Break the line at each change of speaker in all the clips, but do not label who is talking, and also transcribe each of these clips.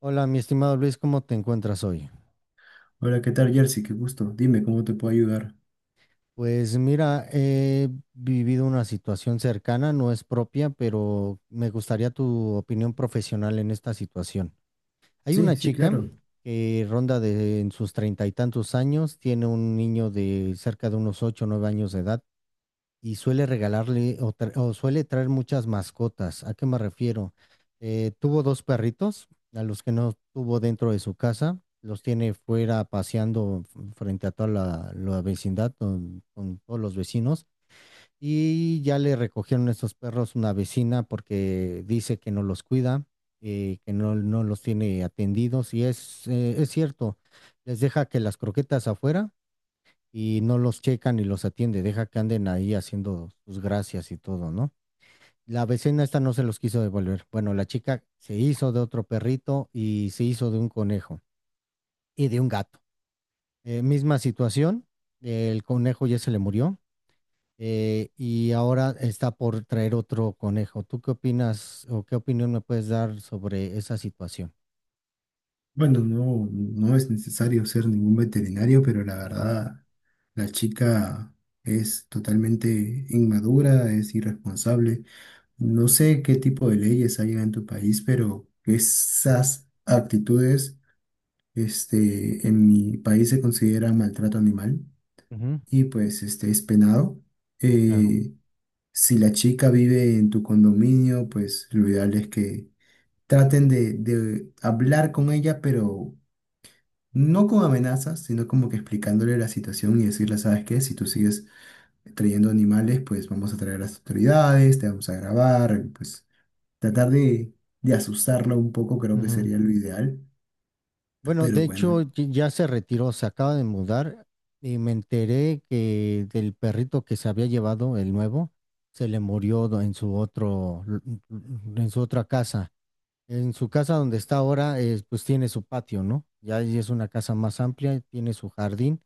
Hola, mi estimado Luis, ¿cómo te encuentras hoy?
Hola, ¿qué tal, Jersey? Qué gusto. Dime, ¿cómo te puedo ayudar?
Pues mira, he vivido una situación cercana, no es propia, pero me gustaría tu opinión profesional en esta situación. Hay
Sí,
una
sí,
chica
claro.
que ronda de en sus 30 y tantos años, tiene un niño de cerca de unos 8 o 9 años de edad, y suele regalarle o suele traer muchas mascotas. ¿A qué me refiero? Tuvo dos perritos, a los que no tuvo dentro de su casa, los tiene fuera paseando frente a toda la vecindad con todos los vecinos. Y ya le recogieron esos perros una vecina porque dice que no los cuida, que no, no los tiene atendidos. Y es cierto, les deja que las croquetas afuera y no los checa ni los atiende, deja que anden ahí haciendo sus gracias y todo, ¿no? La vecina esta no se los quiso devolver. Bueno, la chica se hizo de otro perrito y se hizo de un conejo y de un gato. Misma situación, el conejo ya se le murió, y ahora está por traer otro conejo. ¿Tú qué opinas o qué opinión me puedes dar sobre esa situación?
Bueno, no, no es necesario ser ningún veterinario, pero la
Ujú.
verdad, la chica es totalmente inmadura, es irresponsable. No sé qué tipo de leyes hay en tu país, pero esas actitudes, este, en mi país se considera maltrato animal
Ujú,
y pues este es penado.
claro.
Eh, si la chica vive en tu condominio, pues lo ideal es que traten de hablar con ella, pero no con amenazas, sino como que explicándole la situación y decirle, ¿sabes qué? Si tú sigues trayendo animales, pues vamos a traer a las autoridades, te vamos a grabar, pues tratar de asustarla un poco creo que
Ujú.
sería lo ideal,
Bueno,
pero
de hecho
bueno.
ya se retiró, se acaba de mudar y me enteré que del perrito que se había llevado, el nuevo, se le murió en su otro, lu- lu- en su otra casa. En su casa donde está ahora, pues tiene su patio, ¿no? Ya ahí es una casa más amplia, tiene su jardín,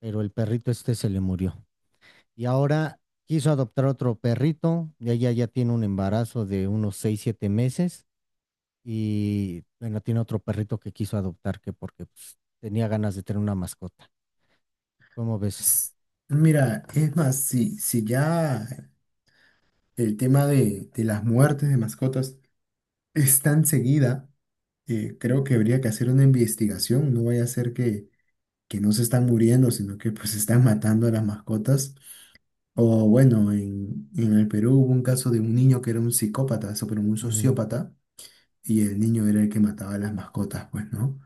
pero el perrito este se le murió. Y ahora quiso adoptar otro perrito, y ella ya tiene un embarazo de unos 6 7 meses y bueno, tiene otro perrito que quiso adoptar que porque pues, tenía ganas de tener una mascota. ¿Cómo ves?
s- Mira, es más, si, si ya el tema de las muertes de mascotas es tan seguida, creo que habría que hacer una investigación, no vaya a ser que no se están muriendo, sino que pues están matando a las mascotas. O bueno, en el Perú hubo un caso de un niño que era un psicópata, eso, pero un
Ujú.
sociópata, y el niño era el que mataba a las mascotas, pues, ¿no?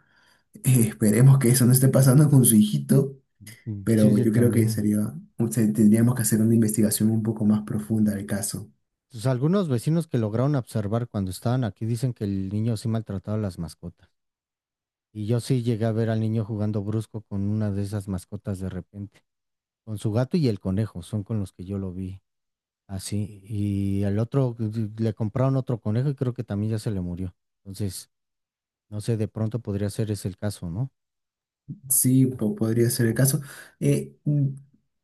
Esperemos que eso no esté pasando con su hijito,
Mm, sí,
pero
sí,
yo creo que
también.
sería, o sea, tendríamos que hacer una investigación un poco más profunda del caso.
Pues, algunos vecinos que lograron observar cuando estaban aquí dicen que el niño sí maltrataba a las mascotas. Y yo sí llegué a ver al niño jugando brusco con una de esas mascotas de repente. Con su gato y el conejo, son con los que yo lo vi. Así. Y al otro le compraron otro conejo y creo que también ya se le murió. Entonces, no sé, de pronto podría ser ese el caso, ¿no?
Sí, podría ser el caso. Eh, mm,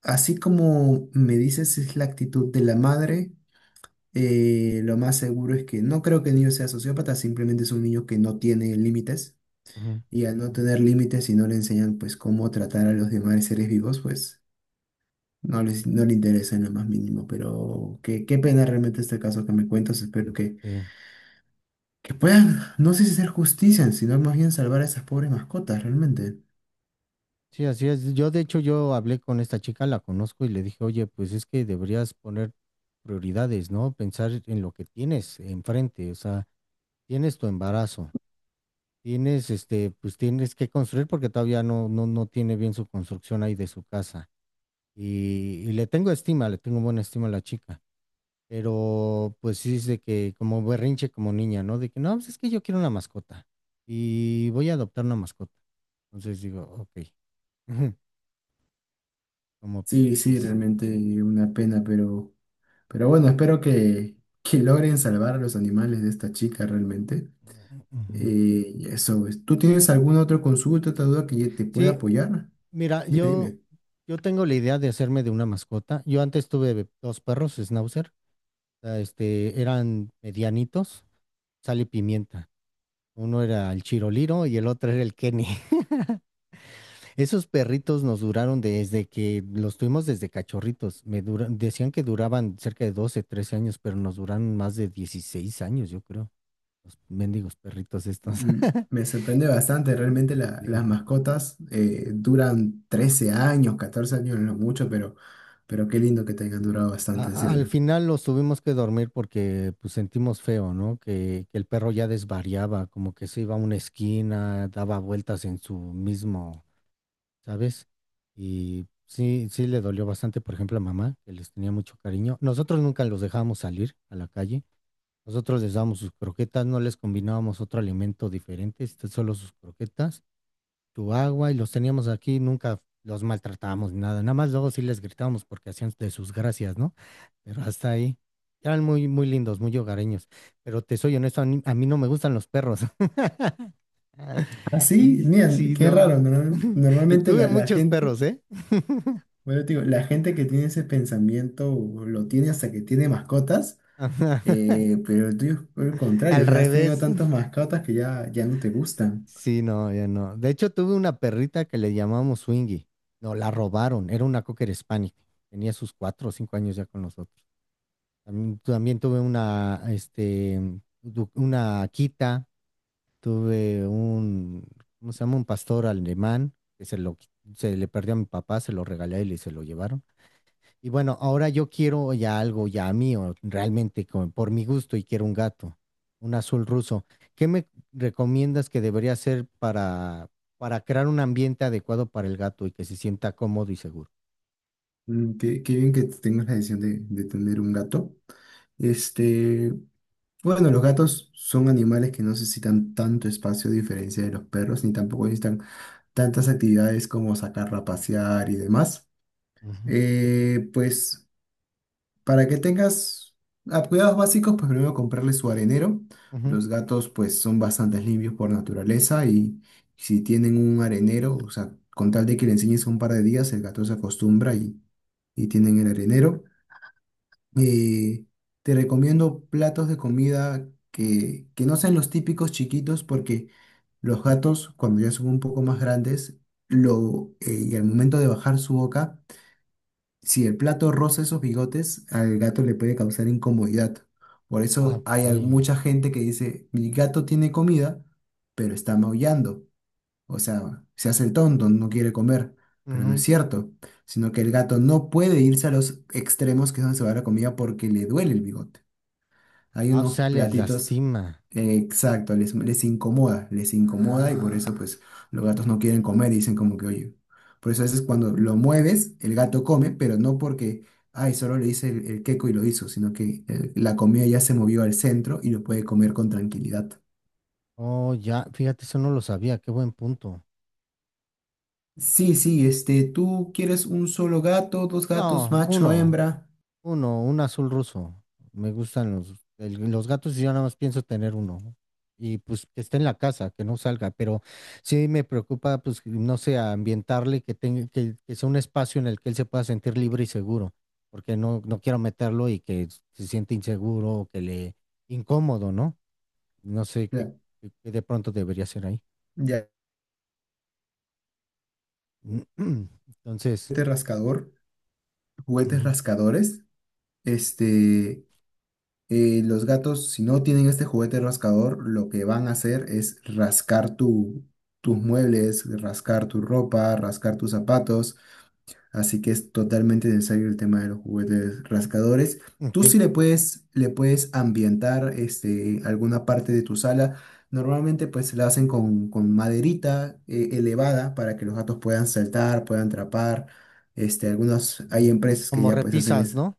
Así como me dices, es la actitud de la madre. Lo más seguro es que no creo que el niño sea sociópata, simplemente es un niño que no tiene límites
Ujú.
y al no tener límites y no le enseñan pues cómo tratar a los demás seres vivos, pues no les, no le interesa en lo más mínimo. Pero qué, qué pena realmente este caso que me cuentas, espero
Sí.
que puedan, no sé si hacer justicia, sino más bien salvar a esas pobres mascotas realmente.
Sí, así es. Yo, de hecho, yo hablé con esta chica, la conozco y le dije: oye, pues es que deberías poner prioridades, ¿no? Pensar en lo que tienes enfrente, o sea, tienes tu embarazo, pues tienes que construir porque todavía no, no, no tiene bien su construcción ahí de su casa. Y le tengo estima, le tengo buena estima a la chica, pero pues sí es de que como berrinche como niña, ¿no? De que no, pues es que yo quiero una mascota y voy a adoptar una mascota. Entonces digo, ok, como...
Sí, sí, realmente una pena, pero bueno, espero que logren salvar a los animales de esta chica realmente.
Ujú.
Y eso, pues. ¿Tú tienes alguna otra consulta, otra duda que te pueda
Sí,
apoyar?
mira,
Dime,
yo,
dime.
yo tengo la idea de hacerme de una mascota. Yo antes tuve dos perros, Schnauzer, eran medianitos, sal y pimienta. Uno era el Chiroliro y el otro era el Kenny. Esos perritos nos duraron desde que los tuvimos desde cachorritos. Decían que duraban cerca de 12, 13 años, pero nos duraron más de 16 años, yo creo. Los mendigos perritos estos.
Mm, Me sorprende bastante, realmente las
Sí.
mascotas duran 13 años, 14 años, no mucho, pero qué lindo que te hayan durado
A-
bastante, en
a- al
serio.
final los tuvimos que dormir porque pues sentimos feo, ¿no? Que el perro ya desvariaba, como que se iba a una esquina, daba vueltas en su mismo, ¿sabes? Y sí, sí le dolió bastante, por ejemplo, a mamá, que les tenía mucho cariño. Nosotros nunca los dejábamos salir a la calle. Nosotros les dábamos sus croquetas, no les combinábamos otro alimento diferente, este, solo sus croquetas, su agua, y los teníamos aquí, nunca los maltratábamos ni nada. Nada más luego sí les gritábamos porque hacían de sus gracias, ¿no? Pero hasta ahí. Eran muy, muy lindos, muy hogareños. Pero te soy honesto, a mí no me gustan los perros.
Ah, sí,
Y
mira,
sí,
qué raro.
no. Y
Normalmente
tuve
la, la
muchos
gente,
perros, ¿eh?
bueno, te digo, la gente que tiene ese pensamiento lo tiene hasta que tiene mascotas,
Ajá,
pero el tuyo es por el contrario,
al
o sea, has tenido
revés.
tantas mascotas que ya, ya no te gustan.
Sí, no, ya no. De hecho, tuve una perrita que le llamamos Swingy. No, la robaron. Era una Cocker Spaniel. Tenía sus 4 o 5 años ya con nosotros. También tuve una, una Akita. Tuve un, ¿cómo se llama? Un pastor alemán que se le perdió a mi papá, se lo regalé él y se lo llevaron. Y bueno, ahora yo quiero ya algo ya mío, realmente por mi gusto y quiero un gato, un azul ruso. ¿Qué me recomiendas que debería hacer para crear un ambiente adecuado para el gato y que se sienta cómodo y seguro?
Qué, qué bien que tengas la decisión de tener un gato. Este, bueno, los gatos son animales que no necesitan tanto espacio a diferencia de los perros, ni tampoco necesitan tantas actividades como sacarla a pasear y demás.
Ujú,
Pues para que tengas cuidados básicos, pues primero comprarle su arenero.
ujú.
Los gatos pues son bastante limpios por naturaleza y si tienen un arenero, o sea, con tal de que le enseñes un par de días, el gato se acostumbra y tienen el arenero. Eh, Te recomiendo platos de comida que no sean los típicos chiquitos porque los gatos cuando ya son un poco más grandes lo, y al momento de bajar su boca, si el plato roza esos bigotes, al gato le puede causar incomodidad. Por
Ah,
eso
ok.
hay mucha gente que dice, mi gato tiene comida, pero está maullando. O sea, se hace el tonto, no quiere comer, pero no es
Ujú.
cierto, sino que el gato no puede irse a los extremos que es donde se va la comida porque le duele el bigote. Hay
Ah, o
unos
sea, les
platitos,
lastima.
exacto, les, les incomoda y por eso
Ah.
pues los gatos no quieren comer y dicen como que, oye, por eso a veces cuando lo mueves, el gato come, pero no porque, ay, solo le hice el queco y lo hizo, sino que la comida ya se movió al centro y lo puede comer con tranquilidad.
Oh, ya, fíjate, eso no lo sabía, qué buen punto.
Sí, sí, este, tú quieres un solo gato, dos gatos,
No,
macho,
uno,
hembra,
un azul ruso. Me gustan los gatos y yo nada más pienso tener uno. Y pues que esté en la casa, que no salga, pero sí me preocupa, pues, que, no sé, ambientarle, que tenga, que sea un espacio en el que él se pueda sentir libre y seguro, porque no, no quiero meterlo y que se siente inseguro o que le incómodo, ¿no? No sé qué,
ya,
qué- qué de pronto debería ser ahí.
ya,
Entonces,
juguete rascador, juguetes
ujú,
rascadores, este, los gatos, si no tienen este juguete rascador, lo que van a hacer es rascar tu, tus muebles, rascar tu ropa, rascar tus zapatos. Así que es totalmente necesario el tema de los juguetes rascadores. Tú
ok.
sí le puedes ambientar este, alguna parte de tu sala. Normalmente pues la hacen con maderita elevada para que los gatos puedan saltar, puedan trepar. Este, algunos, hay
Ujú.
empresas que
Como
ya pues hacen
repisas,
es,
¿no?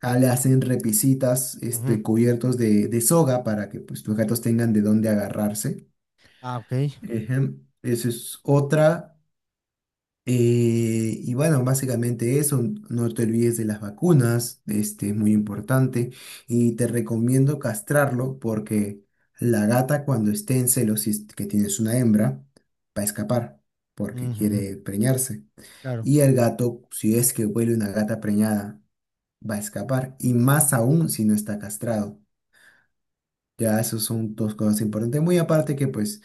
ah, le hacen repisitas,
Ujú.
este, cubiertos de soga para que pues tus gatos tengan de dónde agarrarse.
Ah, ok.
Ejem, esa es otra. Y bueno, básicamente eso, no te olvides de las vacunas, este es muy
Ujú.
importante y te recomiendo castrarlo porque la gata cuando esté en celos, si es que tienes una hembra, va a escapar porque
Ujú,
quiere preñarse.
claro.
Y el gato, si es que huele una gata preñada, va a escapar y más aún si no está castrado. Ya, esos son dos cosas importantes. Muy aparte que pues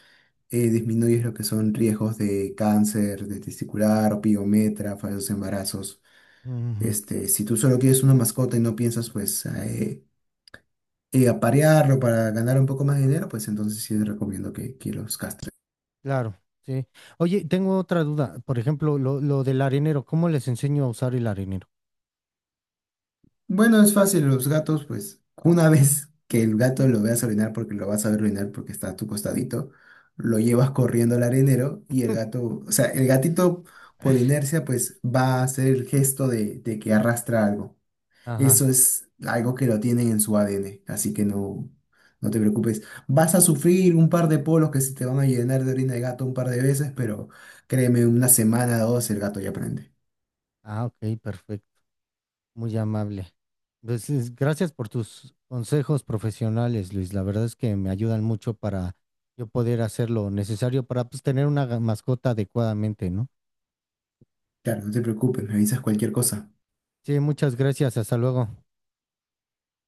disminuyes lo que son riesgos de cáncer, de testicular, opiometra, falsos embarazos.
Ujú,
Este, si tú solo quieres una mascota y no piensas pues aparearlo para ganar un poco más de dinero, pues entonces sí te recomiendo que los castres.
claro, sí. Oye, tengo otra duda. Por ejemplo, lo del arenero, ¿cómo les enseño a usar el arenero?
Bueno, es fácil, los gatos, pues una vez que el gato lo veas orinar porque lo vas a ver orinar porque está a tu costadito, lo llevas corriendo al arenero y el gato, o sea, el gatito por inercia pues va a hacer el gesto de que arrastra algo.
Ajá.
Eso es algo que lo tienen en su ADN, así que no, no te preocupes. Vas a sufrir un par de polos que se te van a llenar de orina de gato un par de veces, pero créeme, una semana o dos el gato ya aprende.
Ah, ok, perfecto. Muy amable. Pues, gracias por tus consejos profesionales, Luis. La verdad es que me ayudan mucho para yo poder hacer lo necesario para pues, tener una mascota adecuadamente, ¿no?
Claro, no te preocupes, me avisas cualquier cosa.
Sí, muchas gracias. Hasta luego.